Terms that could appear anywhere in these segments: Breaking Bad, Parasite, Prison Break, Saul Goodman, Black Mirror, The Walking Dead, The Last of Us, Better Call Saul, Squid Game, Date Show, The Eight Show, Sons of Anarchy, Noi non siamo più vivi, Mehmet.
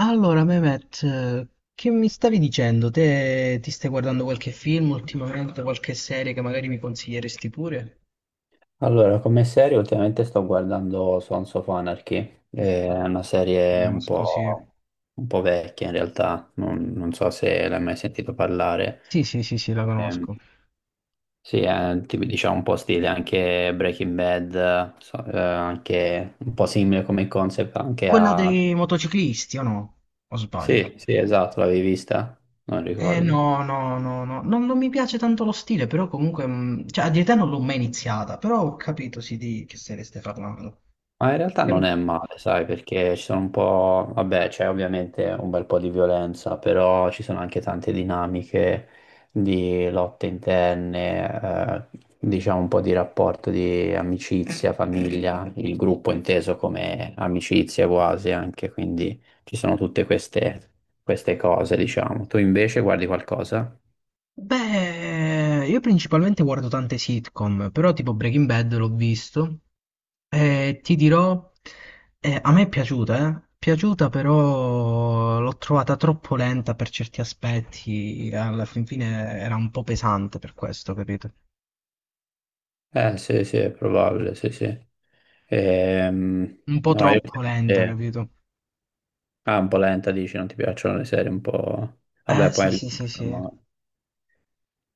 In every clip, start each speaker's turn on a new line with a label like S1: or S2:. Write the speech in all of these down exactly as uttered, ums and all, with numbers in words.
S1: Allora, Mehmet, eh, che mi stavi dicendo? Te ti stai guardando qualche film ultimamente, qualche serie che magari mi consiglieresti pure?
S2: Allora, come serie ultimamente sto guardando Sons of Anarchy, è una serie un
S1: Conosco, sì.
S2: po', un po' vecchia in realtà, non, non so se l'hai mai sentito parlare.
S1: Sì, sì, sì, sì, la
S2: Ehm,
S1: conosco.
S2: sì, è tipo, diciamo un po' stile anche Breaking Bad, so- eh, anche un po' simile come concept anche
S1: Quella
S2: a...
S1: dei motociclisti, o no? O sbaglio?
S2: Sì, sì, esatto, l'avevi vista? Non
S1: Eh
S2: ricordo.
S1: no, no, no, no, non, non mi piace tanto lo stile, però comunque, mh, cioè a dire te non l'ho mai iniziata, però ho capito sì di che serie stai parlando.
S2: Ma in realtà non è male, sai, perché ci sono un po', vabbè, c'è ovviamente un bel po' di violenza, però ci sono anche tante dinamiche di lotte interne, eh, diciamo un po' di rapporto di amicizia, famiglia, il gruppo inteso come amicizia quasi anche, quindi ci sono tutte queste, queste cose, diciamo. Tu invece guardi qualcosa?
S1: Beh, io principalmente guardo tante sitcom, però tipo Breaking Bad l'ho visto e ti dirò, eh, a me è piaciuta, eh? Piaciuta però l'ho trovata troppo lenta per certi aspetti, alla fin fine era un po' pesante per questo, capito?
S2: Eh sì, sì, è probabile, sì, sì. Ehm,
S1: Un po'
S2: no, io...
S1: troppo lenta, capito?
S2: Ah, un po' lenta, dici, non ti piacciono le serie un po'... Vabbè,
S1: Eh sì,
S2: poi... lì,
S1: sì, sì, sì.
S2: insomma,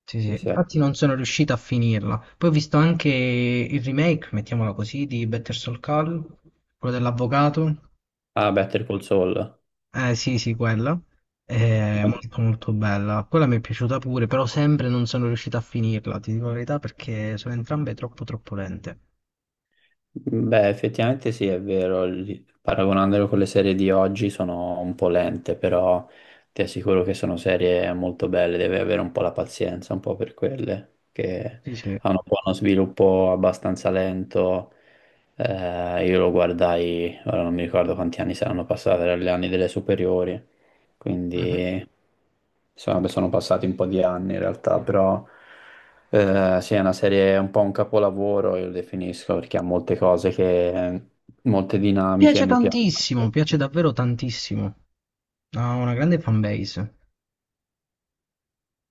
S1: Sì, sì.
S2: sì, sì.
S1: Infatti non sono riuscito a finirla. Poi ho visto anche il remake, mettiamola così, di Better Soul Call, quello dell'avvocato.
S2: Ah, Better Call Saul.
S1: Eh sì, sì, quello. È molto molto bella. Quella mi è piaciuta pure, però sempre non sono riuscito a finirla, ti dico la verità, perché sono entrambe troppo troppo lente.
S2: Beh, effettivamente sì, è vero, li- paragonandolo con le serie di oggi sono un po' lente, però ti assicuro che sono serie molto belle, devi avere un po' la pazienza, un po' per quelle, che
S1: Sì, sì.
S2: hanno un po' uno sviluppo abbastanza lento. Eh, io lo guardai, ora non mi ricordo quanti anni saranno passati, erano gli anni delle superiori,
S1: Mhm.
S2: quindi sono, sono passati un po' di anni in realtà, però eh, sì, è una serie, un po' un capolavoro, io lo definisco, perché ha molte cose che, molte dinamiche
S1: Piace
S2: mi piacciono,
S1: tantissimo, piace davvero tantissimo. Ha una grande fanbase.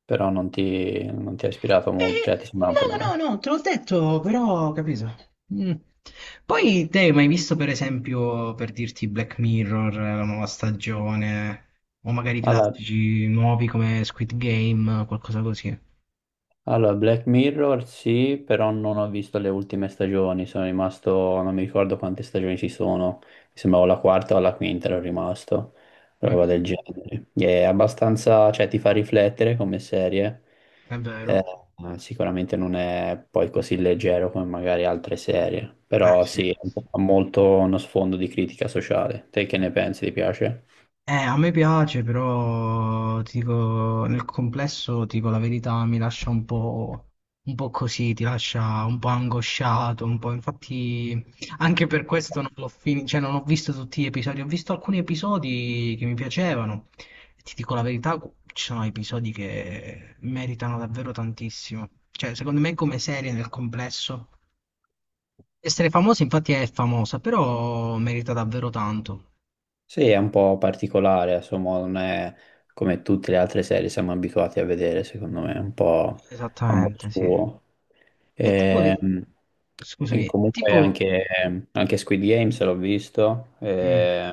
S2: però non ti, non ti ha ispirato molto,
S1: Eh,
S2: cioè ti sembra un
S1: no,
S2: po' lento.
S1: no, no, te l'ho detto, però, capito. Mm. Poi te hai mai visto, per esempio, per dirti Black Mirror, eh, la nuova stagione, o magari
S2: Alla-
S1: classici nuovi come Squid Game, qualcosa così?
S2: Allora, Black Mirror sì, però non ho visto le ultime stagioni, sono rimasto, non mi ricordo quante stagioni ci sono, mi sembrava la quarta o la quinta ero rimasto, roba
S1: Mh-mh.
S2: del genere. È abbastanza, cioè ti fa riflettere come serie.
S1: È
S2: Eh,
S1: vero.
S2: sicuramente non è poi così leggero come magari altre serie,
S1: Eh
S2: però
S1: sì.
S2: sì, ha molto uno sfondo di critica sociale. Te che ne pensi, ti piace?
S1: Eh, a me piace però ti dico nel complesso, ti dico la verità, mi lascia un po' un po' così, ti lascia un po' angosciato, un po' infatti anche per questo non l'ho fini cioè non ho visto tutti gli episodi, ho visto alcuni episodi che mi piacevano e ti dico la verità, cu ci sono episodi che meritano davvero tantissimo. Cioè, secondo me come serie nel complesso essere famosa infatti è famosa, però merita davvero tanto.
S2: Sì, è un po' particolare, insomma, non è come tutte le altre serie siamo abituati a vedere, secondo me, un po' a modo
S1: Esattamente, sì.
S2: suo.
S1: E tipo, le-
S2: Ehm, E,
S1: scusami.
S2: comunque
S1: Tipo,
S2: anche, anche Squid Games l'ho visto,
S1: mm,
S2: e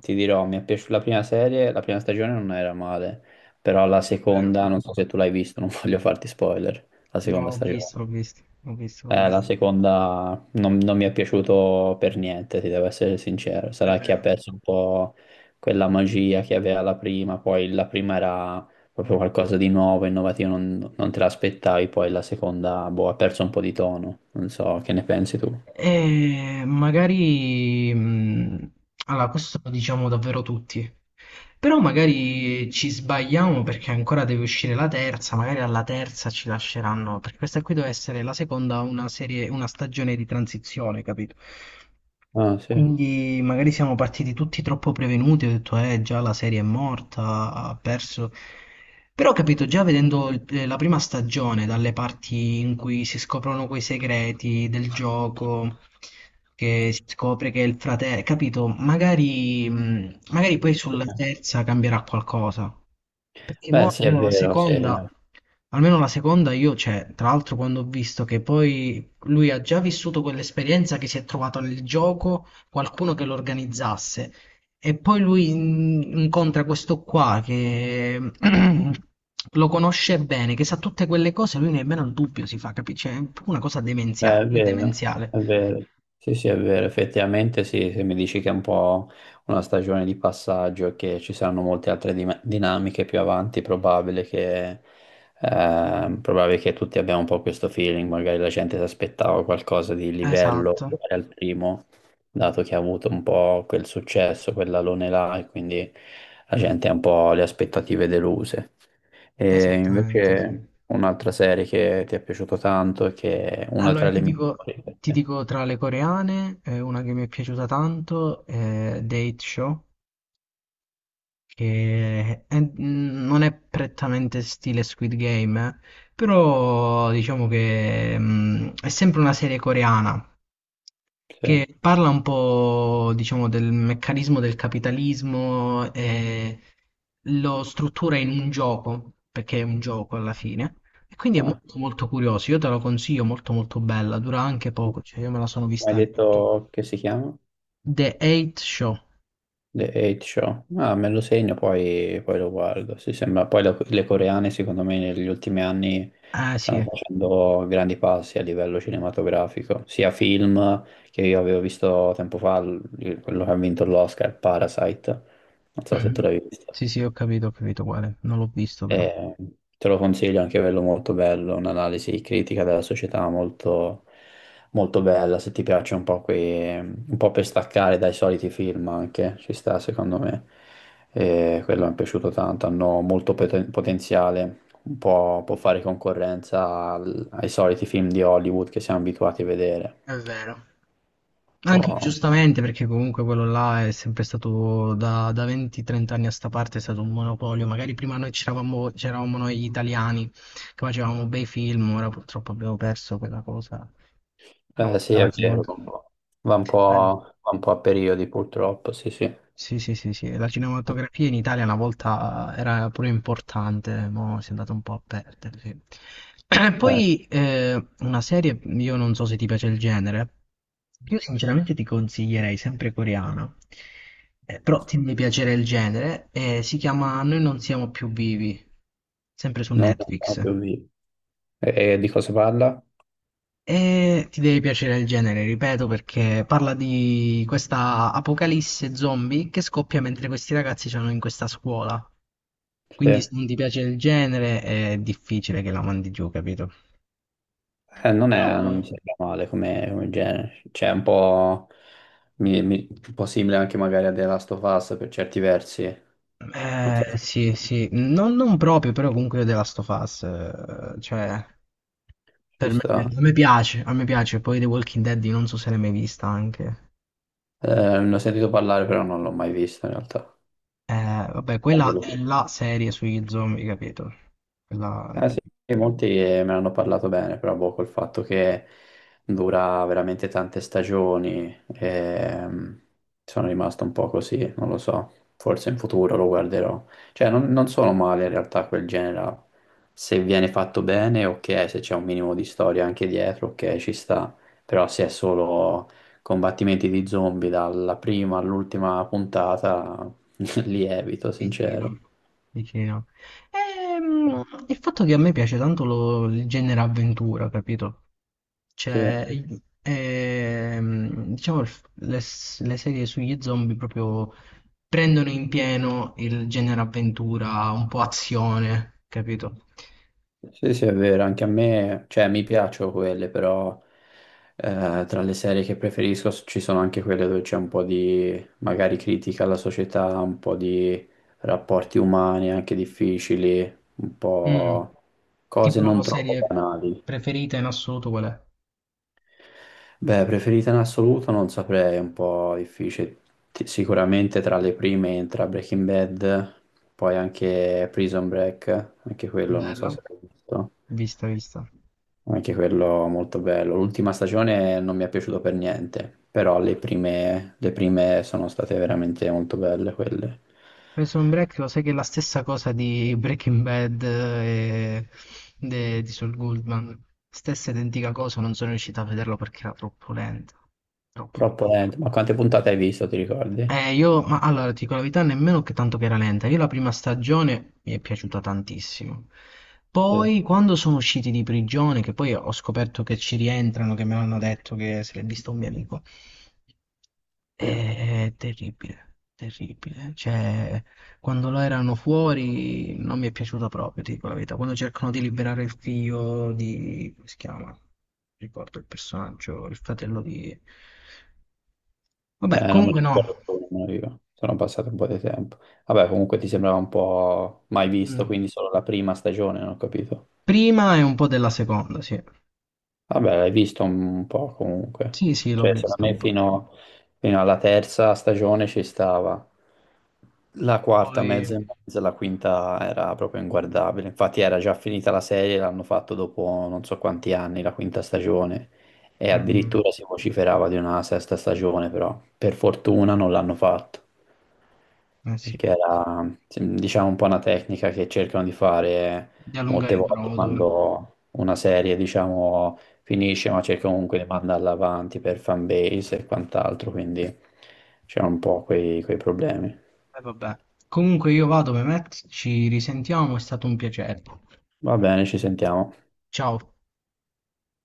S2: ti dirò, mi è piaciuta la prima serie, la prima stagione non era male, però la
S1: è vero.
S2: seconda, non so se tu l'hai visto, non voglio farti spoiler, la
S1: No,
S2: seconda
S1: l'ho
S2: stagione.
S1: visto, l'ho visto, l'ho visto, l'ho
S2: Eh, la
S1: visto.
S2: seconda non, non mi è piaciuto per niente, ti devo essere sincero.
S1: È
S2: Sarà che ha
S1: vero.
S2: perso un po' quella magia che aveva la prima, poi la prima era proprio qualcosa di nuovo, innovativo, non, non te l'aspettavi, poi la seconda, boh, ha perso un po' di tono. Non so, che ne pensi tu?
S1: E magari... mm, allora, questo lo diciamo davvero tutti. Però magari ci sbagliamo perché ancora deve uscire la terza, magari alla terza ci lasceranno, perché questa qui deve essere la seconda, una serie, una stagione di transizione, capito?
S2: Ah, sì.
S1: Quindi magari siamo partiti tutti troppo prevenuti, ho detto eh già la serie è morta, ha perso. Però ho capito, già vedendo il- eh, la prima stagione, dalle parti in cui si scoprono quei segreti del gioco, che si scopre che è il fratello, capito? Magari, mh, magari poi
S2: Sì.
S1: sulla terza cambierà qualcosa. Perché
S2: Beh,
S1: mo
S2: sì, è
S1: almeno la
S2: vero, sì.
S1: seconda, almeno la seconda io, cioè, tra l'altro quando ho visto che poi lui ha già vissuto quell'esperienza che si è trovato nel gioco qualcuno che lo organizzasse e poi lui in- incontra questo qua che lo conosce bene, che sa tutte quelle cose, lui nemmeno il dubbio si fa, capisci? È una cosa
S2: Eh,
S1: demenziale,
S2: è vero,
S1: demenziale.
S2: è vero. Sì, sì, è vero. Effettivamente, sì, se mi dici che è un po' una stagione di passaggio e che ci saranno molte altre dim- dinamiche più avanti, è probabile che, eh, probabile che tutti abbiamo un po' questo feeling. Magari la gente si aspettava qualcosa di livello
S1: Esatto,
S2: uguale al primo, dato che ha avuto un po' quel successo, quell'alone là, e quindi la gente ha un po' le aspettative deluse. E
S1: esattamente, sì.
S2: invece un'altra serie che ti è piaciuto tanto e che è una tra
S1: Allora,
S2: le
S1: ti dico,
S2: migliori per
S1: ti
S2: te.
S1: dico tra le coreane, eh, una che mi è piaciuta tanto è Date Show, che è- mm, non è prettamente stile Squid Game, eh, però diciamo che mm, è sempre una serie coreana,
S2: Sì.
S1: che parla un po', diciamo, del meccanismo del capitalismo e lo struttura in un gioco, perché è un gioco alla fine. E quindi è
S2: Ah.
S1: molto molto curioso, io te lo consiglio, molto molto bella, dura anche poco, cioè
S2: Mi
S1: io me la sono
S2: hai
S1: vista. Anche tu.
S2: detto che si chiama?
S1: The Eight Show.
S2: The Eight Show. Ah, me lo segno, poi, poi lo guardo. Sì, sembra. Poi la- le coreane, secondo me, negli ultimi anni
S1: Ah
S2: stanno
S1: sì,
S2: facendo grandi passi a livello cinematografico, sia film che io avevo visto tempo fa, l- quello che ha vinto l'Oscar, Parasite. Non so se tu l'hai
S1: mhm.
S2: visto.
S1: Sì sì, ho capito, ho capito quale, non l'ho visto però.
S2: E te lo consiglio anche quello molto bello, un'analisi critica della società molto, molto bella, se ti piace un po' quei, un po' per staccare dai soliti film anche, ci sta secondo me. E quello mi è piaciuto tanto, hanno molto poten- potenziale, un po' può fare concorrenza al- ai soliti film di Hollywood che siamo abituati a vedere.
S1: È vero.
S2: Un
S1: Anche
S2: po'...
S1: giustamente perché comunque quello là è sempre stato da, da venti trenta anni a sta parte è stato un monopolio, magari prima noi c'eravamo c'eravamo noi italiani che facevamo bei film, ora purtroppo abbiamo perso quella cosa. Una
S2: Eh, sì,
S1: volta
S2: è
S1: la cinema-
S2: vero, un po'. Va un po',
S1: la-
S2: va un po' a periodi purtroppo, sì, sì. Eh,
S1: sì, sì, sì, sì. La cinematografia in Italia una volta eh, era pure importante, mo si è andata un po' a perdere, sì. Poi eh, una serie, io non so se ti piace il genere, io sinceramente ti consiglierei sempre coreana. Eh, però ti deve piacere il genere, eh, si chiama Noi non siamo più vivi, sempre su
S2: non è
S1: Netflix.
S2: proprio vivo. E, e di cosa parla?
S1: E ti deve piacere il genere, ripeto, perché parla di questa apocalisse zombie che scoppia mentre questi ragazzi sono in questa scuola.
S2: Sì.
S1: Quindi se
S2: Eh,
S1: non ti piace il genere è difficile che la mandi giù, capito?
S2: non
S1: Però,
S2: è, non mi sembra male come, come genere, cioè è un po', mi- mi- un po' simile anche magari a The Last of Us per certi versi, non so
S1: eh,
S2: se
S1: sì, sì, non, non proprio, però comunque io The Last of Us, eh, cioè,
S2: ci
S1: per me,
S2: sta.
S1: a me piace, a me piace, poi The Walking Dead io non so se l'hai mai vista anche,
S2: Eh, ne ho sentito parlare però non l'ho mai visto in realtà.
S1: eh, vabbè,
S2: Eh,
S1: quella
S2: quello...
S1: è la serie sugli zombie, capito? Quella è
S2: Ah, sì, molti eh, me ne hanno parlato bene, però boh, col fatto che dura veramente tante stagioni, ehm, sono rimasto un po' così, non lo so, forse in futuro lo guarderò. Cioè, non, non sono male in realtà quel genere, là. Se viene fatto bene, ok, se c'è un minimo di storia anche dietro, ok, ci sta, però se è solo combattimenti di zombie dalla prima all'ultima puntata, li evito,
S1: vicina,
S2: sincero.
S1: vicina. Ehm, il fatto che a me piace tanto lo- il genere avventura, capito?
S2: Sì.
S1: Cioè, i- ehm, diciamo, il f- le, s- le serie sugli zombie proprio prendono in pieno il genere avventura, un po' azione, capito?
S2: Sì, sì, è vero, anche a me, cioè mi piacciono quelle, però eh, tra le serie che preferisco s- ci sono anche quelle dove c'è un po' di magari critica alla società, un po' di rapporti umani anche difficili, un
S1: Mm,
S2: po'
S1: tipo
S2: cose
S1: la
S2: non
S1: tua
S2: troppo
S1: serie
S2: banali.
S1: preferita in assoluto qual è?
S2: Beh, preferita in assoluto non saprei, è un po' difficile. Ti- Sicuramente tra le prime entra Breaking Bad, poi anche Prison Break, anche quello non so
S1: Bella,
S2: se l'hai visto.
S1: vista, vista.
S2: Anche quello molto bello. L'ultima stagione non mi è piaciuto per niente, però le prime, le prime sono state veramente molto belle quelle.
S1: Prison Break lo sai che è la stessa cosa di Breaking Bad eh, e de- di Saul Goodman. Stessa identica cosa, non sono riuscito a vederlo perché era troppo lento. Troppo.
S2: Troppo lento. Ma quante puntate hai visto, ti ricordi?
S1: Eh, io, ma allora, ti dico la verità, nemmeno che tanto che era lenta. Io la prima stagione mi è piaciuta tantissimo.
S2: Sì,
S1: Poi, quando sono usciti di prigione, che poi ho scoperto che ci rientrano, che me l'hanno detto che se l'è visto un mio amico, è,
S2: sì.
S1: è terribile, terribile. Cioè, quando lo erano fuori non mi è piaciuto proprio, ti dico la verità. Quando cercano di liberare il figlio di... come si chiama? Non ricordo il personaggio, il fratello di... Vabbè,
S2: Eh, non me
S1: comunque
S2: le
S1: no.
S2: ricordo più, nemmeno io. Sono passato un po' di tempo. Vabbè, comunque ti sembrava un po' mai visto,
S1: Mm.
S2: quindi solo la prima stagione, non ho capito.
S1: Prima e un po' della seconda, sì.
S2: Vabbè, l'hai visto un po' comunque.
S1: Sì, sì, l'ho
S2: Cioè, secondo
S1: vista
S2: me
S1: un po'.
S2: fino, fino alla terza stagione ci stava. La quarta, mezza
S1: Poi,
S2: e mezza, la quinta era proprio inguardabile. Infatti era già finita la serie, l'hanno fatto dopo non so quanti anni, la quinta stagione. E
S1: mm,
S2: addirittura si vociferava di una sesta stagione, però per fortuna non l'hanno fatto
S1: eh sì,
S2: perché era, sì, diciamo, un po' una tecnica che cercano di fare
S1: di allungare
S2: molte
S1: il
S2: volte
S1: brodo. E
S2: quando una serie, diciamo, finisce, ma cerca comunque di mandarla avanti per fanbase e quant'altro, quindi c'erano un po' quei, quei problemi.
S1: vabbè. Comunque io vado, Mehmet, ci risentiamo, è stato un piacere.
S2: Va bene, ci sentiamo.
S1: Ciao.